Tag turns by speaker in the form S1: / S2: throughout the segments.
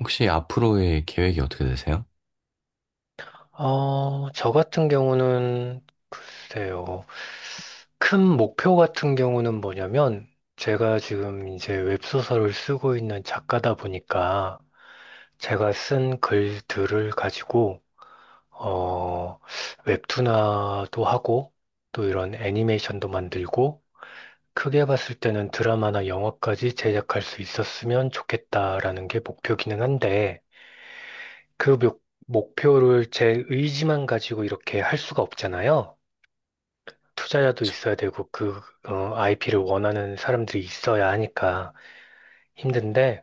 S1: 혹시 앞으로의 계획이 어떻게 되세요?
S2: 저 같은 경우는 글쎄요. 큰 목표 같은 경우는 뭐냐면 제가 지금 이제 웹소설을 쓰고 있는 작가다 보니까 제가 쓴 글들을 가지고 어, 웹툰화도 하고 또 이런 애니메이션도 만들고 크게 봤을 때는 드라마나 영화까지 제작할 수 있었으면 좋겠다라는 게 목표기는 한데 그 목표를 제 의지만 가지고 이렇게 할 수가 없잖아요. 투자자도
S1: 저,
S2: 있어야 되고 그 IP를 원하는 사람들이 있어야 하니까 힘든데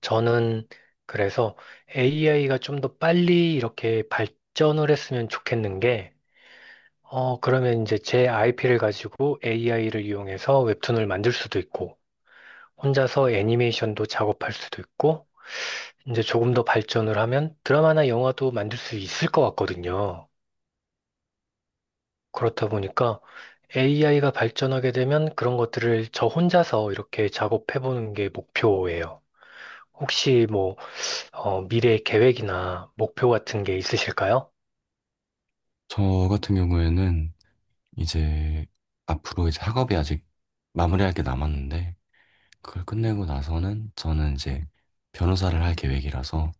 S2: 저는 그래서 AI가 좀 더 빨리 이렇게 발전을 했으면 좋겠는 게 그러면 이제 제 IP를 가지고 AI를 이용해서 웹툰을 만들 수도 있고 혼자서 애니메이션도 작업할 수도 있고 이제 조금 더 발전을 하면 드라마나 영화도 만들 수 있을 것 같거든요. 그렇다 보니까 AI가 발전하게 되면 그런 것들을 저 혼자서 이렇게 작업해보는 게 목표예요. 혹시 뭐, 미래 계획이나 목표 같은 게 있으실까요?
S1: 저 같은 경우에는 이제 앞으로 이제 학업이 아직 마무리할 게 남았는데, 그걸 끝내고 나서는 저는 이제 변호사를 할 계획이라서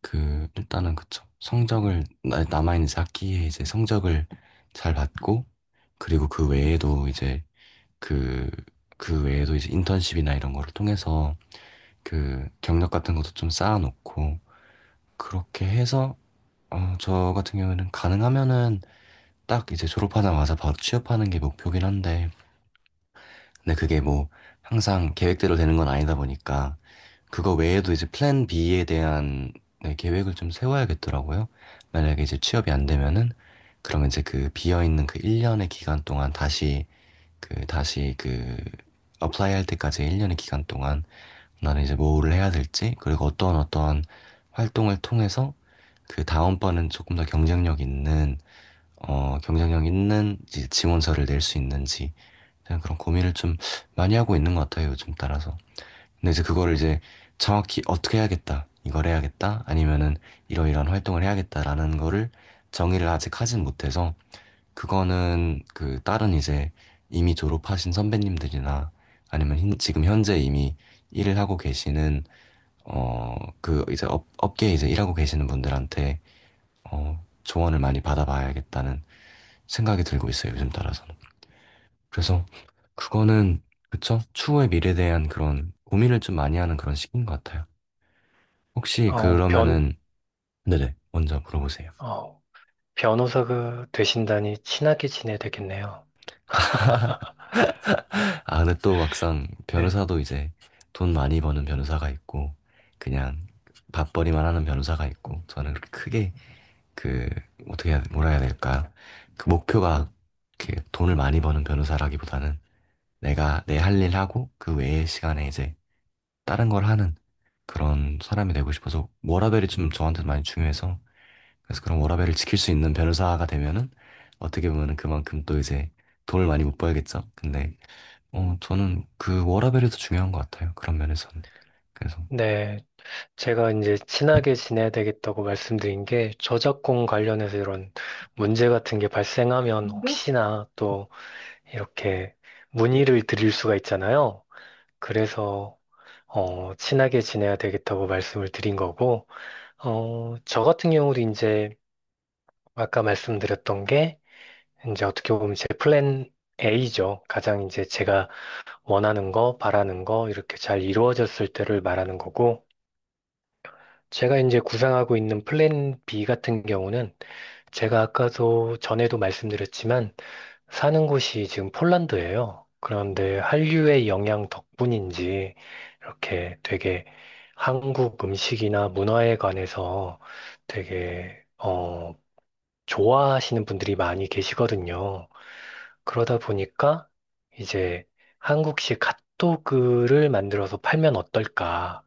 S1: 그 일단은, 그쵸, 성적을 남아있는 이제 학기에 이제 성적을 잘 받고, 그리고 그 외에도 이제 그 그 외에도 이제 인턴십이나 이런 거를 통해서 그 경력 같은 것도 좀 쌓아놓고, 그렇게 해서 저 같은 경우에는 가능하면은 딱 이제 졸업하자마자 바로 취업하는 게 목표긴 한데, 근데 그게 뭐 항상 계획대로 되는 건 아니다 보니까, 그거 외에도 이제 플랜 B에 대한, 네, 계획을 좀 세워야겠더라고요. 만약에 이제 취업이 안 되면은, 그러면 이제 그 비어있는 그 1년의 기간 동안 다시, 그, 다시 그, 어플라이 할 때까지 1년의 기간 동안 나는 이제 뭐를 해야 될지, 그리고 어떠한 활동을 통해서 그 다음번은 조금 더 경쟁력 있는, 경쟁력 있는 이제 지원서를 낼 수 있는지, 그냥 그런 고민을 좀 많이 하고 있는 것 같아요, 요즘 따라서. 근데 이제 그거를 이제 정확히 어떻게 해야겠다, 이걸 해야겠다, 아니면은 이러이러한 활동을 해야겠다라는 거를 정의를 아직 하진 못해서, 그거는 그 다른 이제 이미 졸업하신 선배님들이나 아니면 지금 현재 이미 일을 하고 계시는, 어, 그 이제 업계에 이제 일하고 계시는 분들한테 조언을 많이 받아봐야겠다는 생각이 들고 있어요, 요즘 따라서는. 그래서 그거는, 그쵸? 추후의 미래에 대한 그런 고민을 좀 많이 하는 그런 시기인 것 같아요. 혹시
S2: 어, 변,
S1: 그러면은, 네네, 먼저 물어보세요.
S2: 어, 변호사가 되신다니 친하게 지내야 되겠네요.
S1: 아, 근데 또 막상
S2: 네.
S1: 변호사도 이제 돈 많이 버는 변호사가 있고, 그냥 밥벌이만 하는 변호사가 있고, 저는 그렇게 크게 그, 어떻게 해야, 뭐라 해야 될까. 그 목표가 이렇게 돈을 많이 버는 변호사라기보다는 내가 내 할 일 하고, 그 외의 시간에 이제 다른 걸 하는 그런 사람이 되고 싶어서, 워라밸이 좀 저한테 많이 중요해서, 그래서 그런 워라밸을 지킬 수 있는 변호사가 되면은 어떻게 보면은 그만큼 또 이제 돈을 많이 못 벌겠죠. 근데 저는 그 워라밸이 더 중요한 것 같아요. 그런 면에서는. 그래서
S2: 네. 제가 이제 친하게 지내야 되겠다고 말씀드린 게 저작권 관련해서 이런 문제 같은 게 발생하면 혹시나 또 이렇게 문의를 드릴 수가 있잖아요. 그래서 친하게 지내야 되겠다고 말씀을 드린 거고, 저 같은 경우도 이제 아까 말씀드렸던 게, 이제 어떻게 보면 제 플랜 A죠. 가장 이제 제가 원하는 거, 바라는 거, 이렇게 잘 이루어졌을 때를 말하는 거고, 제가 이제 구상하고 있는 플랜 B 같은 경우는 제가 아까도 전에도 말씀드렸지만, 사는 곳이 지금 폴란드예요. 그런데 한류의 영향 덕분인지 이렇게 되게 한국 음식이나 문화에 관해서 되게 좋아하시는 분들이 많이 계시거든요. 그러다 보니까 이제 한국식 핫도그를 만들어서 팔면 어떨까?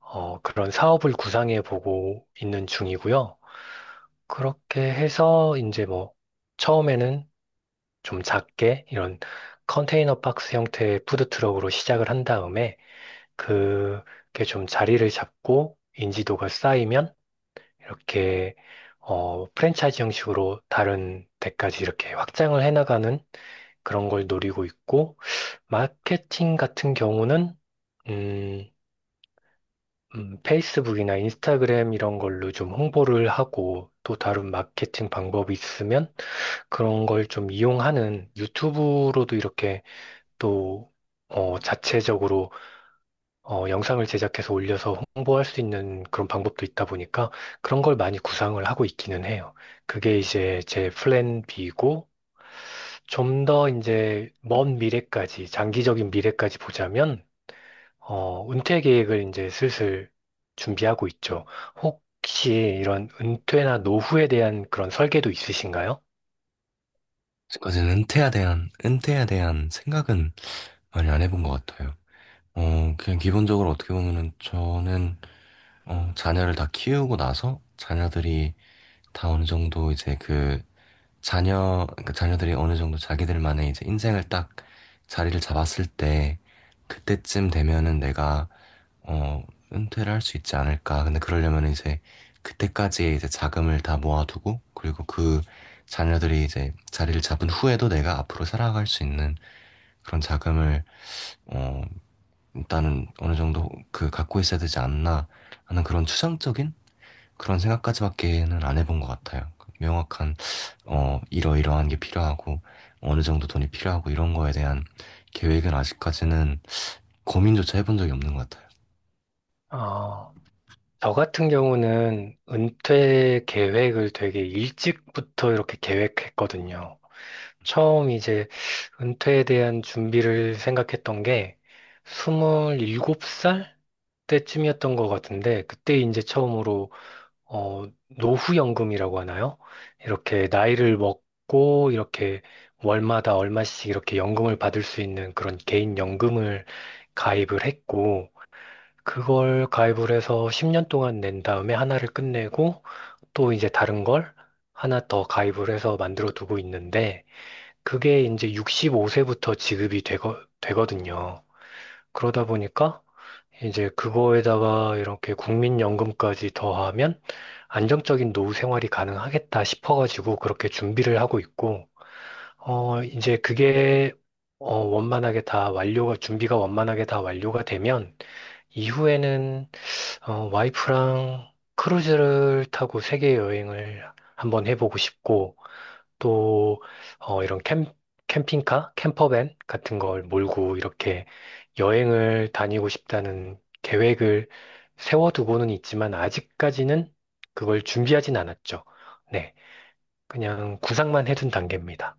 S2: 그런 사업을 구상해 보고 있는 중이고요. 그렇게 해서 이제 뭐 처음에는 좀 작게 이런 컨테이너 박스 형태의 푸드트럭으로 시작을 한 다음에 그게 좀 자리를 잡고 인지도가 쌓이면 이렇게 프랜차이즈 형식으로 다른 데까지 이렇게 확장을 해나가는 그런 걸 노리고 있고 마케팅 같은 경우는 음, 페이스북이나 인스타그램 이런 걸로 좀 홍보를 하고 또 다른 마케팅 방법이 있으면 그런 걸 좀 이용하는 유튜브로도 이렇게 또 자체적으로 영상을 제작해서 올려서 홍보할 수 있는 그런 방법도 있다 보니까 그런 걸 많이 구상을 하고 있기는 해요. 그게 이제 제 플랜 B고 좀 더 이제 먼 미래까지 장기적인 미래까지 보자면 은퇴 계획을 이제 슬슬 준비하고 있죠. 혹시 이런 은퇴나 노후에 대한 그런 설계도 있으신가요?
S1: 지금까지는 은퇴에 대한 생각은 많이 안 해본 것 같아요. 그냥 기본적으로 어떻게 보면은 저는 자녀를 다 키우고 나서 자녀들이 다 어느 정도 이제 그 그러니까 자녀들이 어느 정도 자기들만의 이제 인생을 딱 자리를 잡았을 때, 그때쯤 되면은 내가, 어, 은퇴를 할 수 있지 않을까. 근데 그러려면 이제 그때까지의 이제 자금을 다 모아두고, 그리고 그 자녀들이 이제 자리를 잡은 후에도 내가 앞으로 살아갈 수 있는 그런 자금을, 어, 일단은 어느 정도 그 갖고 있어야 되지 않나 하는 그런 추상적인 그런 생각까지밖에는 안 해본 것 같아요. 명확한 이러이러한 게 필요하고 어느 정도 돈이 필요하고 이런 거에 대한 계획은 아직까지는 고민조차 해본 적이 없는 것 같아요.
S2: 아, 저 같은 경우는 은퇴 계획을 되게 일찍부터 이렇게 계획했거든요. 처음 이제 은퇴에 대한 준비를 생각했던 게 27살 때쯤이었던 것 같은데, 그때 이제 처음으로, 어, 노후연금이라고 하나요? 이렇게 나이를 먹고, 이렇게 월마다 얼마씩 이렇게 연금을 받을 수 있는 그런 개인연금을 가입을 했고, 그걸 가입을 해서 10년 동안 낸 다음에 하나를 끝내고 또 이제 다른 걸 하나 더 가입을 해서 만들어 두고 있는데 그게 이제 65세부터 지급이 되거든요. 그러다 보니까 이제 그거에다가 이렇게 국민연금까지 더하면 안정적인 노후 생활이 가능하겠다 싶어가지고 그렇게 준비를 하고 있고, 이제 그게 원만하게 다 준비가 원만하게 다 완료가 되면 이후에는 와이프랑 크루즈를 타고 세계 여행을 한번 해보고 싶고, 또, 이런 캠핑카? 캠퍼밴 같은 걸 몰고 이렇게 여행을 다니고 싶다는 계획을 세워두고는 있지만, 아직까지는 그걸 준비하진 않았죠. 네. 그냥 구상만 해둔 단계입니다.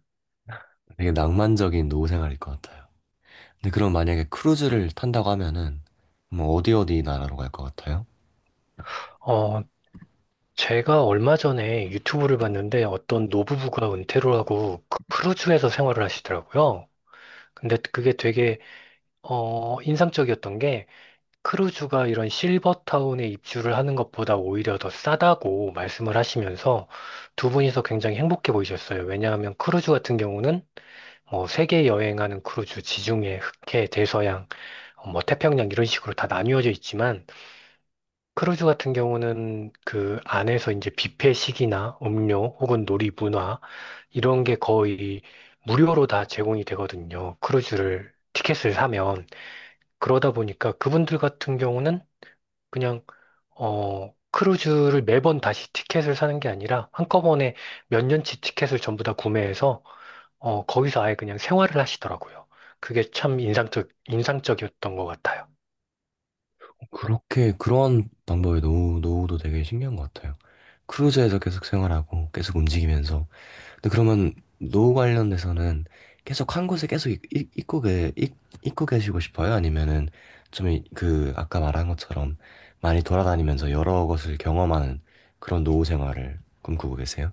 S1: 되게 낭만적인 노후 생활일 것 같아요. 근데 그럼 만약에 크루즈를 탄다고 하면은 뭐 어디 나라로 갈 것 같아요?
S2: 어, 제가 얼마 전에 유튜브를 봤는데 어떤 노부부가 은퇴를 하고 그 크루즈에서 생활을 하시더라고요. 근데 그게 되게 인상적이었던 게 크루즈가 이런 실버타운에 입주를 하는 것보다 오히려 더 싸다고 말씀을 하시면서 두 분이서 굉장히 행복해 보이셨어요. 왜냐하면 크루즈 같은 경우는 뭐 세계 여행하는 크루즈, 지중해, 흑해, 대서양, 뭐 태평양 이런 식으로 다 나뉘어져 있지만 크루즈 같은 경우는 그 안에서 이제 뷔페식이나 음료 혹은 놀이 문화 이런 게 거의 무료로 다 제공이 되거든요. 크루즈를 티켓을 사면. 그러다 보니까 그분들 같은 경우는 그냥 크루즈를 매번 다시 티켓을 사는 게 아니라 한꺼번에 몇 년치 티켓을 전부 다 구매해서 거기서 아예 그냥 생활을 하시더라고요. 그게 참 인상적이었던 것 같아요.
S1: 그렇게 그런 방법의 노후도 되게 신기한 것 같아요. 크루즈에서 계속 생활하고 계속 움직이면서, 근데 그러면 노 관련돼서는 계속 한 곳에 계속 있, 있, 있고, 계, 있, 있고 계시고 싶어요? 아니면은 좀 그 아까 말한 것처럼 많이 돌아다니면서 여러 곳을 경험하는 그런 노후 생활을 꿈꾸고 계세요?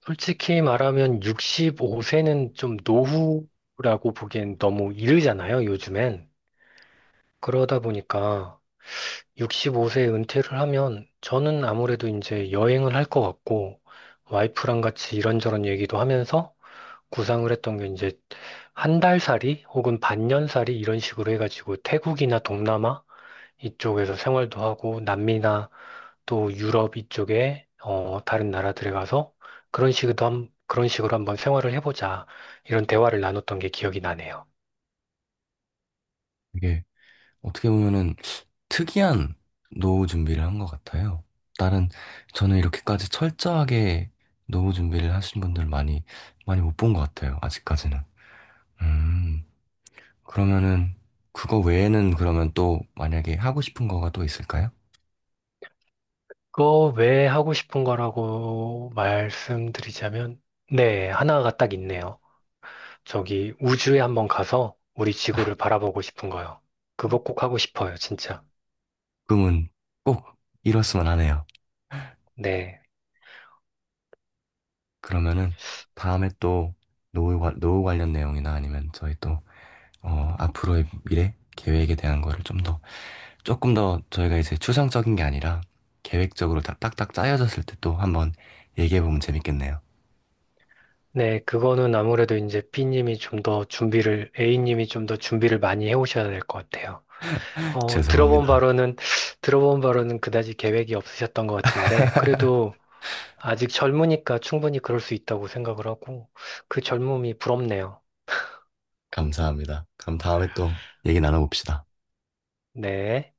S2: 솔직히 말하면 65세는 좀 노후라고 보기엔 너무 이르잖아요, 요즘엔. 그러다 보니까 65세에 은퇴를 하면 저는 아무래도 이제 여행을 할 것 같고 와이프랑 같이 이런저런 얘기도 하면서 구상을 했던 게 이제 한 달살이 혹은 반년살이 이런 식으로 해가지고 태국이나 동남아 이쪽에서 생활도 하고 남미나 또 유럽 이쪽에 다른 나라들에 가서 그런 식으로 한번 생활을 해보자 이런 대화를 나눴던 게 기억이 나네요.
S1: 이게 어떻게 보면은 특이한 노후 준비를 한 것 같아요. 다른 저는 이렇게까지 철저하게 노후 준비를 하신 분들 많이 못 본 것 같아요. 아직까지는. 음. 그러면은 그거 외에는 그러면 또 만약에 하고 싶은 거가 또 있을까요?
S2: 그거 왜 하고 싶은 거라고 말씀드리자면, 네, 하나가 딱 있네요. 저기 우주에 한번 가서 우리 지구를 바라보고 싶은 거요. 그거 꼭 하고 싶어요, 진짜.
S1: 꿈은 꼭 이뤘으면 하네요.
S2: 네.
S1: 그러면은 다음에 또 노후 관련 내용이나 아니면 저희 또 앞으로의 미래 계획에 대한 거를 좀 더 조금 더 저희가 이제 추상적인 게 아니라 계획적으로 다 딱딱 짜여졌을 때 또 한번 얘기해 보면 재밌겠네요.
S2: 네, 그거는 아무래도 이제 B님이 좀 더 A님이 좀 더 준비를 많이 해오셔야 될 것 같아요. 어, 들어본
S1: 죄송합니다.
S2: 바로는, 들어본 바로는 그다지 계획이 없으셨던 것 같은데, 그래도 아직 젊으니까 충분히 그럴 수 있다고 생각을 하고, 그 젊음이 부럽네요.
S1: 감사합니다. 그럼 다음에 또 얘기 나눠봅시다.
S2: 네.